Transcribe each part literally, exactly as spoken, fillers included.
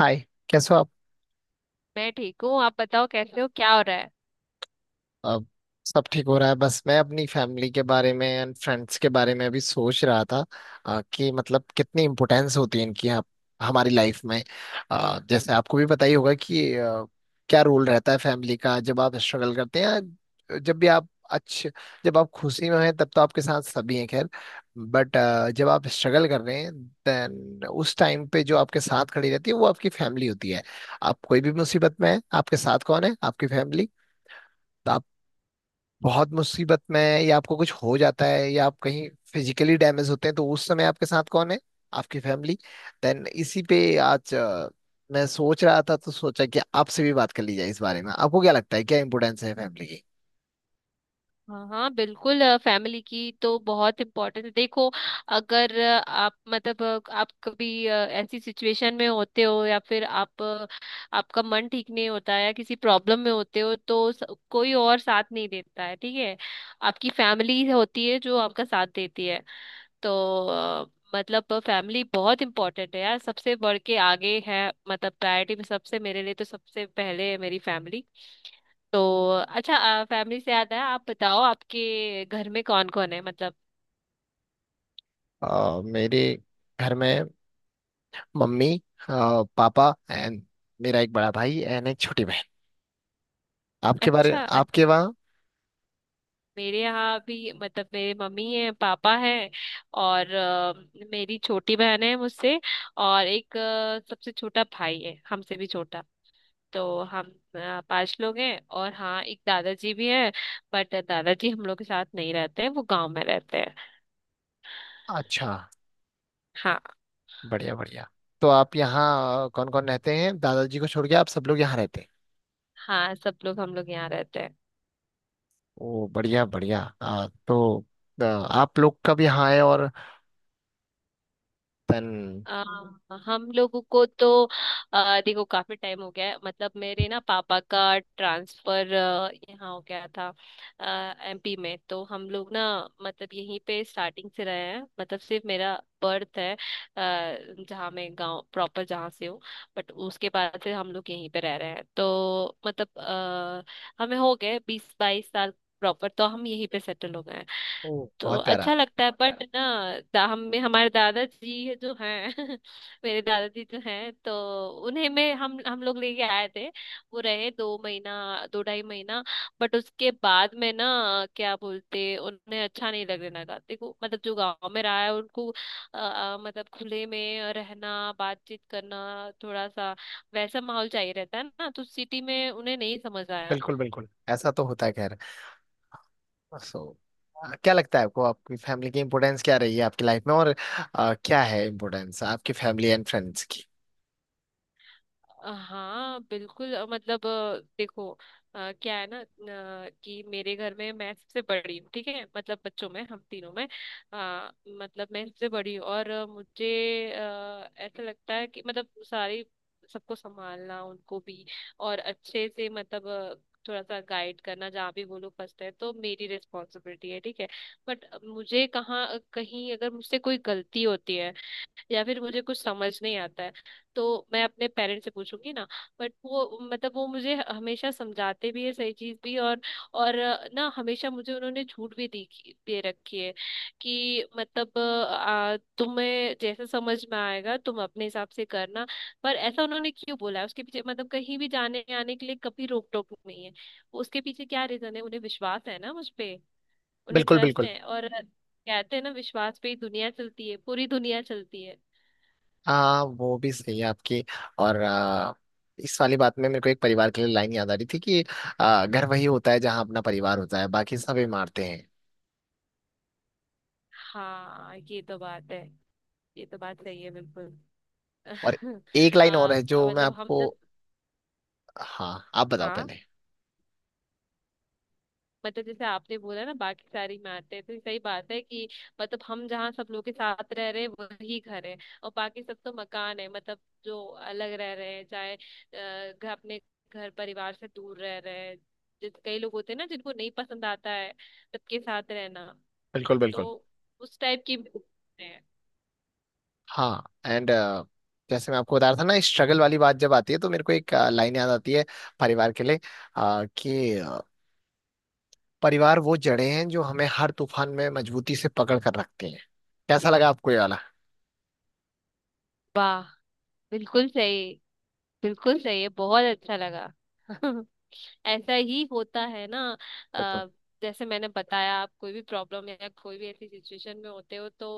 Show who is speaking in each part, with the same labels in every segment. Speaker 1: हाय। कैसे हो आप?
Speaker 2: मैं ठीक हूँ। आप बताओ, कैसे हो, क्या हो रहा है?
Speaker 1: अब सब ठीक हो रहा है। बस मैं अपनी फैमिली के बारे में एंड फ्रेंड्स के बारे में अभी सोच रहा था। अ, कि मतलब कितनी इम्पोर्टेंस होती है इनकी हम- हमारी लाइफ में। अ, जैसे आपको भी पता ही होगा कि अ, क्या रोल रहता है फैमिली का, जब आप स्ट्रगल करते हैं या जब भी आप अच्छे, जब आप खुशी में हैं तब तो आपके साथ सभी हैं, खैर। बट जब आप स्ट्रगल कर रहे हैं, देन उस टाइम पे जो आपके साथ खड़ी रहती है वो आपकी फैमिली होती है। आप कोई भी मुसीबत में है, आपके साथ कौन है? आपकी फैमिली। तो आप बहुत मुसीबत में हैं या आपको कुछ हो जाता है या आप कहीं फिजिकली डैमेज होते हैं, तो उस समय आपके साथ कौन है? आपकी फैमिली। देन इसी पे आज अ, मैं सोच रहा था, तो सोचा कि आपसे भी बात कर ली जाए। इस बारे में आपको क्या लगता है, क्या इम्पोर्टेंस है फैमिली की?
Speaker 2: हाँ हाँ बिल्कुल, फैमिली की तो बहुत इम्पोर्टेंस है। देखो, अगर अ, आप मतलब अ, आप कभी अ, ऐसी सिचुएशन में होते हो, या फिर आप अ, आपका मन ठीक नहीं होता है, या किसी प्रॉब्लम में होते हो, तो स, कोई और साथ नहीं देता है, ठीक है। आपकी फैमिली होती है जो आपका साथ देती है। तो अ, मतलब फैमिली बहुत इंपॉर्टेंट है यार, सबसे बढ़ के आगे है, मतलब प्रायोरिटी में सबसे, मेरे लिए तो सबसे पहले है मेरी फैमिली। तो अच्छा, फैमिली से याद है, आप बताओ आपके घर में कौन कौन है मतलब।
Speaker 1: अ, मेरे घर में मम्मी, अ, पापा एंड मेरा एक बड़ा भाई एंड एक छोटी बहन। आपके बारे,
Speaker 2: अच्छा, अ-
Speaker 1: आपके वहाँ?
Speaker 2: मेरे यहाँ भी, मतलब मेरे मम्मी है, पापा है, और अ, मेरी छोटी बहन है मुझसे, और एक अ, सबसे छोटा भाई है, हमसे भी छोटा। तो हम अ, पांच लोग हैं, और हाँ, एक दादाजी भी है। बट दादाजी हम लोग के साथ नहीं रहते हैं, वो गांव में रहते हैं।
Speaker 1: अच्छा।
Speaker 2: हाँ।
Speaker 1: बढ़िया बढ़िया। तो आप यहाँ कौन कौन रहते हैं? दादाजी को छोड़ के आप सब लोग यहाँ रहते हैं?
Speaker 2: हाँ, सब लोग, हम लोग यहाँ रहते हैं।
Speaker 1: ओ, बढ़िया बढ़िया। आ, तो आ, आप लोग का भी हाँ है, और तन।
Speaker 2: आ, हम लोगों को तो आ, देखो काफी टाइम हो गया है। मतलब मेरे ना, पापा का ट्रांसफर यहाँ हो गया था, एमपी में। तो हम लोग ना, मतलब यहीं पे स्टार्टिंग से रहे हैं। मतलब सिर्फ मेरा बर्थ है आ, जहाँ, मैं गांव प्रॉपर जहाँ से हूँ। बट उसके बाद से हम लोग यहीं पे रह रहे हैं। तो मतलब आ, हमें हो गए बीस बाईस साल प्रॉपर, तो हम यहीं पे सेटल हो गए हैं।
Speaker 1: ओ,
Speaker 2: तो
Speaker 1: बहुत प्यारा।
Speaker 2: अच्छा लगता है, बट ना दा, हम हमारे दादाजी जो हैं मेरे दादाजी जो हैं, तो उन्हें में हम हम लोग लेके आए थे। वो रहे दो महीना, दो ढाई महीना। बट उसके बाद में ना, क्या बोलते, उन्हें अच्छा नहीं लगने लगा। देखो मतलब जो गांव में रहा है, उनको अ, अ, मतलब खुले में रहना, बातचीत करना, थोड़ा सा वैसा माहौल चाहिए रहता है ना। तो सिटी में उन्हें नहीं समझ आया।
Speaker 1: बिल्कुल बिल्कुल, ऐसा तो होता है, खैर। सो आ, क्या लगता है आपको, आपकी फैमिली की इम्पोर्टेंस क्या रही है आपकी लाइफ में, और आ, क्या है इम्पोर्टेंस आपकी फैमिली एंड फ्रेंड्स की?
Speaker 2: हाँ बिल्कुल, अ, मतलब अ, देखो, अ, क्या है ना, अ, कि मेरे घर में मैं सबसे बड़ी हूँ, ठीक है। मतलब बच्चों में हम तीनों में, अ, मतलब मैं सबसे बड़ी हूँ, और अ, मुझे अ, ऐसा लगता है कि मतलब सारी, सबको संभालना, उनको भी और अच्छे से, मतलब अ, थोड़ा सा गाइड करना, जहाँ भी वो लोग फंसते हैं, तो मेरी रिस्पॉन्सिबिलिटी है, ठीक है। बट मुझे कहाँ कहीं, अगर मुझसे कोई गलती होती है, या फिर मुझे कुछ समझ नहीं आता है, तो मैं अपने पेरेंट्स से पूछूंगी ना। बट वो, मतलब वो मुझे हमेशा समझाते भी है सही चीज भी। और और अ, ना, हमेशा मुझे उन्होंने छूट भी दी, दे रखी है कि मतलब अ, तुम्हें जैसे समझ में आएगा तुम अपने हिसाब से करना। पर ऐसा उन्होंने क्यों बोला है उसके पीछे, मतलब कहीं भी जाने आने के लिए कभी रोक टोक नहीं है, उसके पीछे क्या रीजन है? उन्हें विश्वास है ना मुझ पे, उन्हें
Speaker 1: बिल्कुल
Speaker 2: ट्रस्ट
Speaker 1: बिल्कुल।
Speaker 2: है। और कहते हैं ना, विश्वास पे ही दुनिया चलती है, पूरी दुनिया चलती है।
Speaker 1: हाँ, वो भी सही है आपकी। और आ, इस वाली बात में मेरे को एक परिवार के लिए लाइन याद आ रही थी कि आ, घर वही होता है जहाँ अपना परिवार होता है, बाकी सब इमारतें हैं।
Speaker 2: हाँ, ये तो बात है, ये तो बात सही है बिल्कुल।
Speaker 1: और एक लाइन और
Speaker 2: हाँ
Speaker 1: है जो मैं
Speaker 2: मतलब हम
Speaker 1: आपको।
Speaker 2: जब,
Speaker 1: हाँ, आप बताओ
Speaker 2: हाँ
Speaker 1: पहले।
Speaker 2: मतलब जैसे आपने बोला ना, बाकी सारी में आते हैं, तो सही बात है कि मतलब हम जहाँ सब लोग के साथ रह रहे हैं वही घर है, और बाकी सब तो मकान है मतलब। जो अलग रह रहे हैं, चाहे अ, घर, अपने घर परिवार से दूर रह रहे हैं, जैसे कई लोग होते हैं ना जिनको नहीं पसंद आता है सबके साथ रहना।
Speaker 1: बिल्कुल बिल्कुल।
Speaker 2: तो उस टाइप की भी होते हैं।
Speaker 1: हाँ एंड जैसे मैं आपको बता रहा था ना, स्ट्रगल वाली बात जब आती है तो मेरे को एक लाइन याद आती है परिवार के लिए, अ, कि अ, परिवार वो जड़ें हैं जो हमें हर तूफान में मजबूती से पकड़ कर रखती हैं। कैसा लगा आपको ये वाला?
Speaker 2: वाह, बिल्कुल सही, बिल्कुल सही है, बहुत अच्छा लगा। ऐसा ही होता है ना।
Speaker 1: बिल्कुल।
Speaker 2: अ, जैसे मैंने बताया, आप कोई भी प्रॉब्लम या कोई भी ऐसी सिचुएशन में होते हो, तो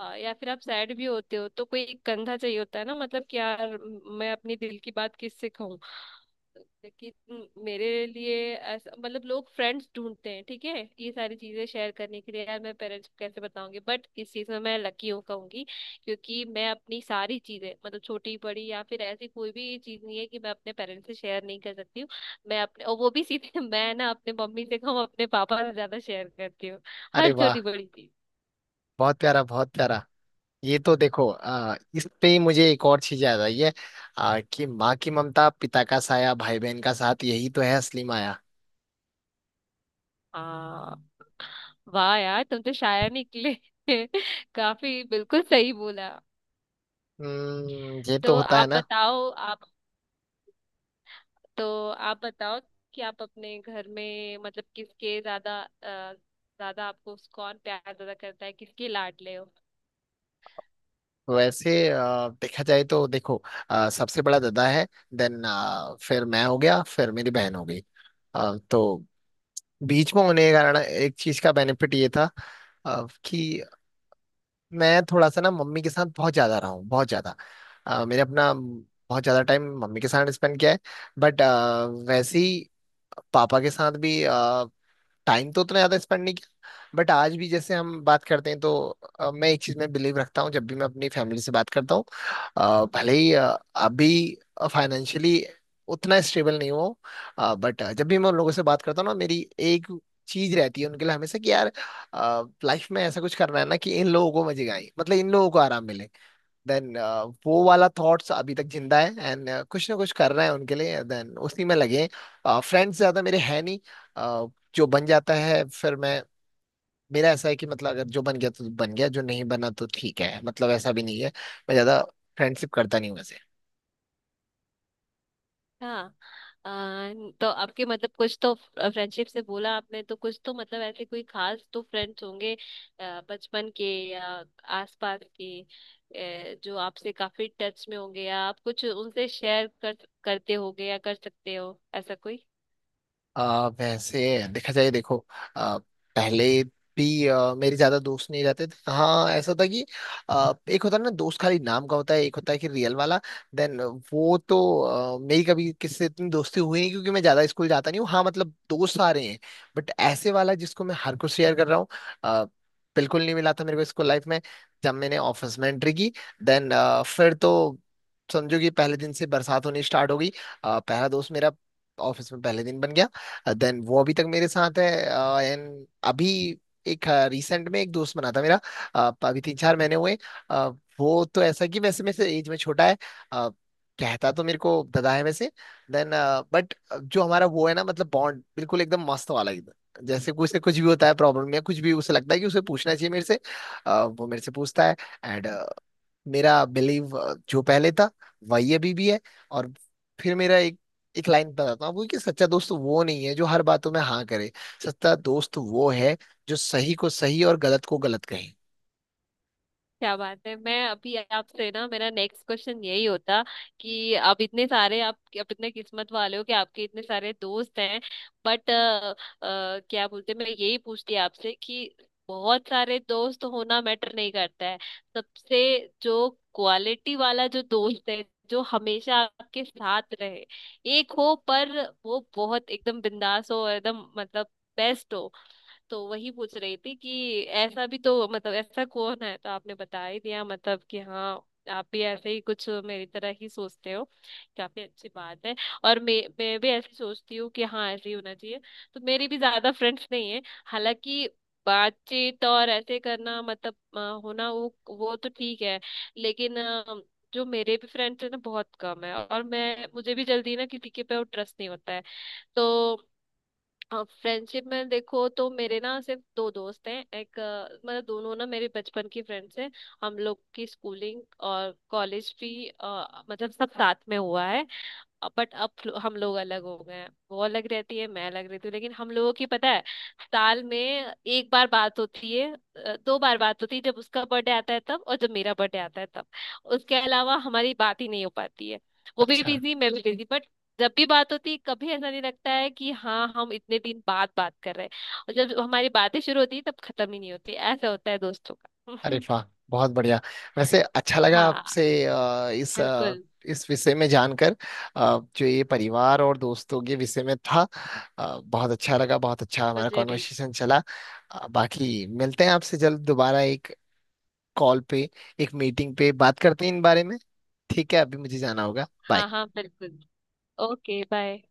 Speaker 2: अ, या फिर आप सैड भी होते हो, तो कोई एक कंधा चाहिए होता है ना, मतलब कि यार म- मैं अपनी दिल की बात किससे कहूँ। लेकिन मेरे लिए ऐसा, मतलब लोग फ्रेंड्स ढूंढते हैं, ठीक है, ये सारी चीजें शेयर करने के लिए। यार, मैं पेरेंट्स को कैसे बताऊंगी, बट इस चीज में मैं लकी हूँ कहूंगी, क्योंकि मैं अपनी सारी चीजें, मतलब छोटी बड़ी, या फिर ऐसी कोई भी चीज नहीं है कि मैं अपने पेरेंट्स से शेयर नहीं कर सकती हूँ। मैं अपने, और वो भी सीधे, मैं ना अपने मम्मी से कम, अपने पापा से ज्यादा शेयर करती हूँ,
Speaker 1: अरे
Speaker 2: हर
Speaker 1: वाह,
Speaker 2: छोटी बड़ी चीज।
Speaker 1: बहुत प्यारा, बहुत प्यारा। ये तो देखो, आ, इस पे ही मुझे एक और चीज याद आई है, आ, कि माँ की ममता, पिता का साया, भाई बहन का साथ, यही तो है असली माया।
Speaker 2: हाँ वाह यार, तुम तो शायर निकले। काफी, बिल्कुल सही बोला।
Speaker 1: हम्म, ये तो
Speaker 2: तो
Speaker 1: होता है
Speaker 2: आप
Speaker 1: ना।
Speaker 2: बताओ, आप, तो आप बताओ कि आप अपने घर में मतलब किसके ज्यादा, अ, ज्यादा, आपको कौन प्यार ज्यादा करता है, किसके लाडले हो?
Speaker 1: वैसे अ, देखा जाए तो देखो, अ, सबसे बड़ा दादा है, देन फिर मैं हो गया, फिर मेरी बहन हो गई। अ, तो बीच में होने के कारण एक चीज का बेनिफिट ये था, अ, कि मैं थोड़ा सा ना मम्मी के साथ बहुत ज्यादा रहा हूँ, बहुत ज्यादा। अ, मैंने अपना बहुत ज्यादा टाइम मम्मी के साथ स्पेंड किया है। बट वैसे ही पापा के साथ भी टाइम तो उतना ज्यादा स्पेंड नहीं किया। बट आज भी जैसे हम बात करते हैं तो अ, मैं एक चीज में बिलीव रखता हूँ, जब भी मैं अपनी फैमिली से बात करता हूँ, अ, भले ही अ, अभी फाइनेंशियली उतना स्टेबल नहीं हो, बट जब भी मैं उन लोगों से बात करता हूँ ना, मेरी एक चीज रहती है उनके लिए हमेशा कि यार, लाइफ में ऐसा कुछ करना है ना कि इन लोगों को मजे आए, मतलब इन लोगों को आराम मिले। देन वो वाला थॉट्स अभी तक जिंदा है एंड कुछ ना कुछ कर रहे हैं उनके लिए, देन उसी में लगे। फ्रेंड्स ज्यादा मेरे हैं नहीं। अ, जो बन जाता है, फिर मैं, मेरा ऐसा है कि मतलब अगर जो बन गया तो बन गया, जो नहीं बना तो ठीक है। मतलब ऐसा भी नहीं है, मैं ज्यादा फ्रेंडशिप करता नहीं हूँ वैसे।
Speaker 2: हाँ, अ, तो आपके, मतलब कुछ तो फ्रेंडशिप से बोला आपने, तो कुछ तो मतलब ऐसे कोई खास तो फ्रेंड्स होंगे, अ, बचपन के, या आसपास के, अ, जो आपसे काफी टच में होंगे, या आप कुछ उनसे शेयर कर करते होगे या कर सकते हो, ऐसा कोई?
Speaker 1: आ, वैसे देखा जाए, देखो आ, पहले भी आ, मेरे ज्यादा दोस्त नहीं रहते थे। हाँ, ऐसा था कि आ, एक होता है ना दोस्त खाली नाम का, होता है एक होता है कि रियल वाला। देन वो तो आ, मेरी कभी किससे इतनी दोस्ती हुई नहीं, क्योंकि मैं ज्यादा स्कूल जाता नहीं हूँ। हाँ, मतलब दोस्त आ रहे हैं, बट ऐसे वाला जिसको मैं हर कुछ शेयर कर रहा हूँ, आ, बिल्कुल नहीं मिला था मेरे को स्कूल लाइफ में। जब मैंने ऑफिस में एंट्री की, देन फिर तो समझो कि पहले दिन से बरसात होनी स्टार्ट हो गई। आ, पहला दोस्त मेरा ऑफिस में पहले दिन बन गया, देन वो अभी तक मेरे साथ है। एंड अभी एक, रिसेंट में एक दोस्त बना था मेरा, अ, अभी तीन चार महीने हुए। अ, वो तो ऐसा कि वैसे मेरे से एज में छोटा है, अ, कहता तो मेरे को दादा है वैसे। देन बट जो हमारा वो है ना, मतलब बॉन्ड बिल्कुल एकदम मस्त वाला, एकदम जैसे कुछ से कुछ भी होता है, प्रॉब्लम या कुछ भी उसे लगता है कि उसे पूछना चाहिए मेरे से, अ, वो मेरे से पूछता है। एंड मेरा बिलीव जो पहले था वही अभी भी है। और फिर मेरा एक एक लाइन बताता हूँ आपको कि सच्चा दोस्त वो नहीं है जो हर बातों में हाँ करे, सच्चा दोस्त वो है जो सही को सही और गलत को गलत कहे।
Speaker 2: क्या बात है, मैं अभी आपसे ना, मेरा नेक्स्ट क्वेश्चन यही होता कि आप इतने सारे आप आप इतने किस्मत वाले हो कि आपके इतने सारे दोस्त हैं। बट क्या बोलते हैं, मैं यही पूछती आपसे कि बहुत सारे दोस्त होना मैटर नहीं करता है। सबसे जो क्वालिटी वाला जो दोस्त है, जो हमेशा आपके साथ रहे, एक हो पर वो बहुत एकदम बिंदास हो, एकदम मतलब बेस्ट हो। तो वही पूछ रही थी कि ऐसा भी तो, मतलब ऐसा कौन है? तो आपने बता ही दिया, मतलब कि हाँ, आप भी ऐसे ही कुछ मेरी तरह ही सोचते हो, काफी अच्छी बात है। और मैं मैं भी ऐसे सोचती हूँ कि हाँ ऐसे ही होना चाहिए। तो मेरी भी ज्यादा फ्रेंड्स नहीं है, हालांकि बातचीत और ऐसे करना, मतलब अ, होना, वो वो तो ठीक है। लेकिन अ, जो मेरे भी फ्रेंड्स है ना बहुत कम है। और मैं मुझे भी जल्दी ना किसी के पे ट्रस्ट नहीं होता है। तो फ्रेंडशिप में देखो तो मेरे ना सिर्फ दो दोस्त हैं, एक, अ, मतलब दोनों ना मेरे बचपन की फ्रेंड्स हैं। हम लोग की स्कूलिंग और कॉलेज भी, अ, मतलब सब साथ में हुआ है। बट अब हम लोग अलग हो गए हैं, वो अलग रहती है, मैं अलग रहती हूँ। लेकिन हम लोगों की पता है, साल में एक बार बात होती है, अ, दो बार बात होती है, जब उसका बर्थडे आता है तब, और जब मेरा बर्थडे आता है तब। उसके अलावा हमारी बात ही नहीं हो पाती है, वो भी
Speaker 1: अच्छा।
Speaker 2: बिजी, मैं भी बिजी। बट जब भी बात होती है, कभी ऐसा नहीं लगता है कि हाँ, हम इतने दिन बाद बात कर रहे हैं। और जब हमारी बातें शुरू होती है तब खत्म ही नहीं होती, ऐसा होता है दोस्तों
Speaker 1: अरे
Speaker 2: का।
Speaker 1: वाह, बहुत बढ़िया। वैसे अच्छा लगा
Speaker 2: हाँ,
Speaker 1: आपसे अ, इस अ,
Speaker 2: बिल्कुल।
Speaker 1: इस विषय में जानकर, अ, जो ये परिवार और दोस्तों के विषय में था। अ, बहुत अच्छा लगा, बहुत अच्छा हमारा
Speaker 2: मुझे भी।
Speaker 1: कॉन्वर्सेशन चला। अ, बाकी मिलते हैं आपसे जल्द दोबारा, एक कॉल पे, एक मीटिंग पे बात करते हैं इन बारे में। ठीक है, अभी मुझे जाना होगा, बाय।
Speaker 2: हाँ हाँ बिल्कुल। Okay, bye.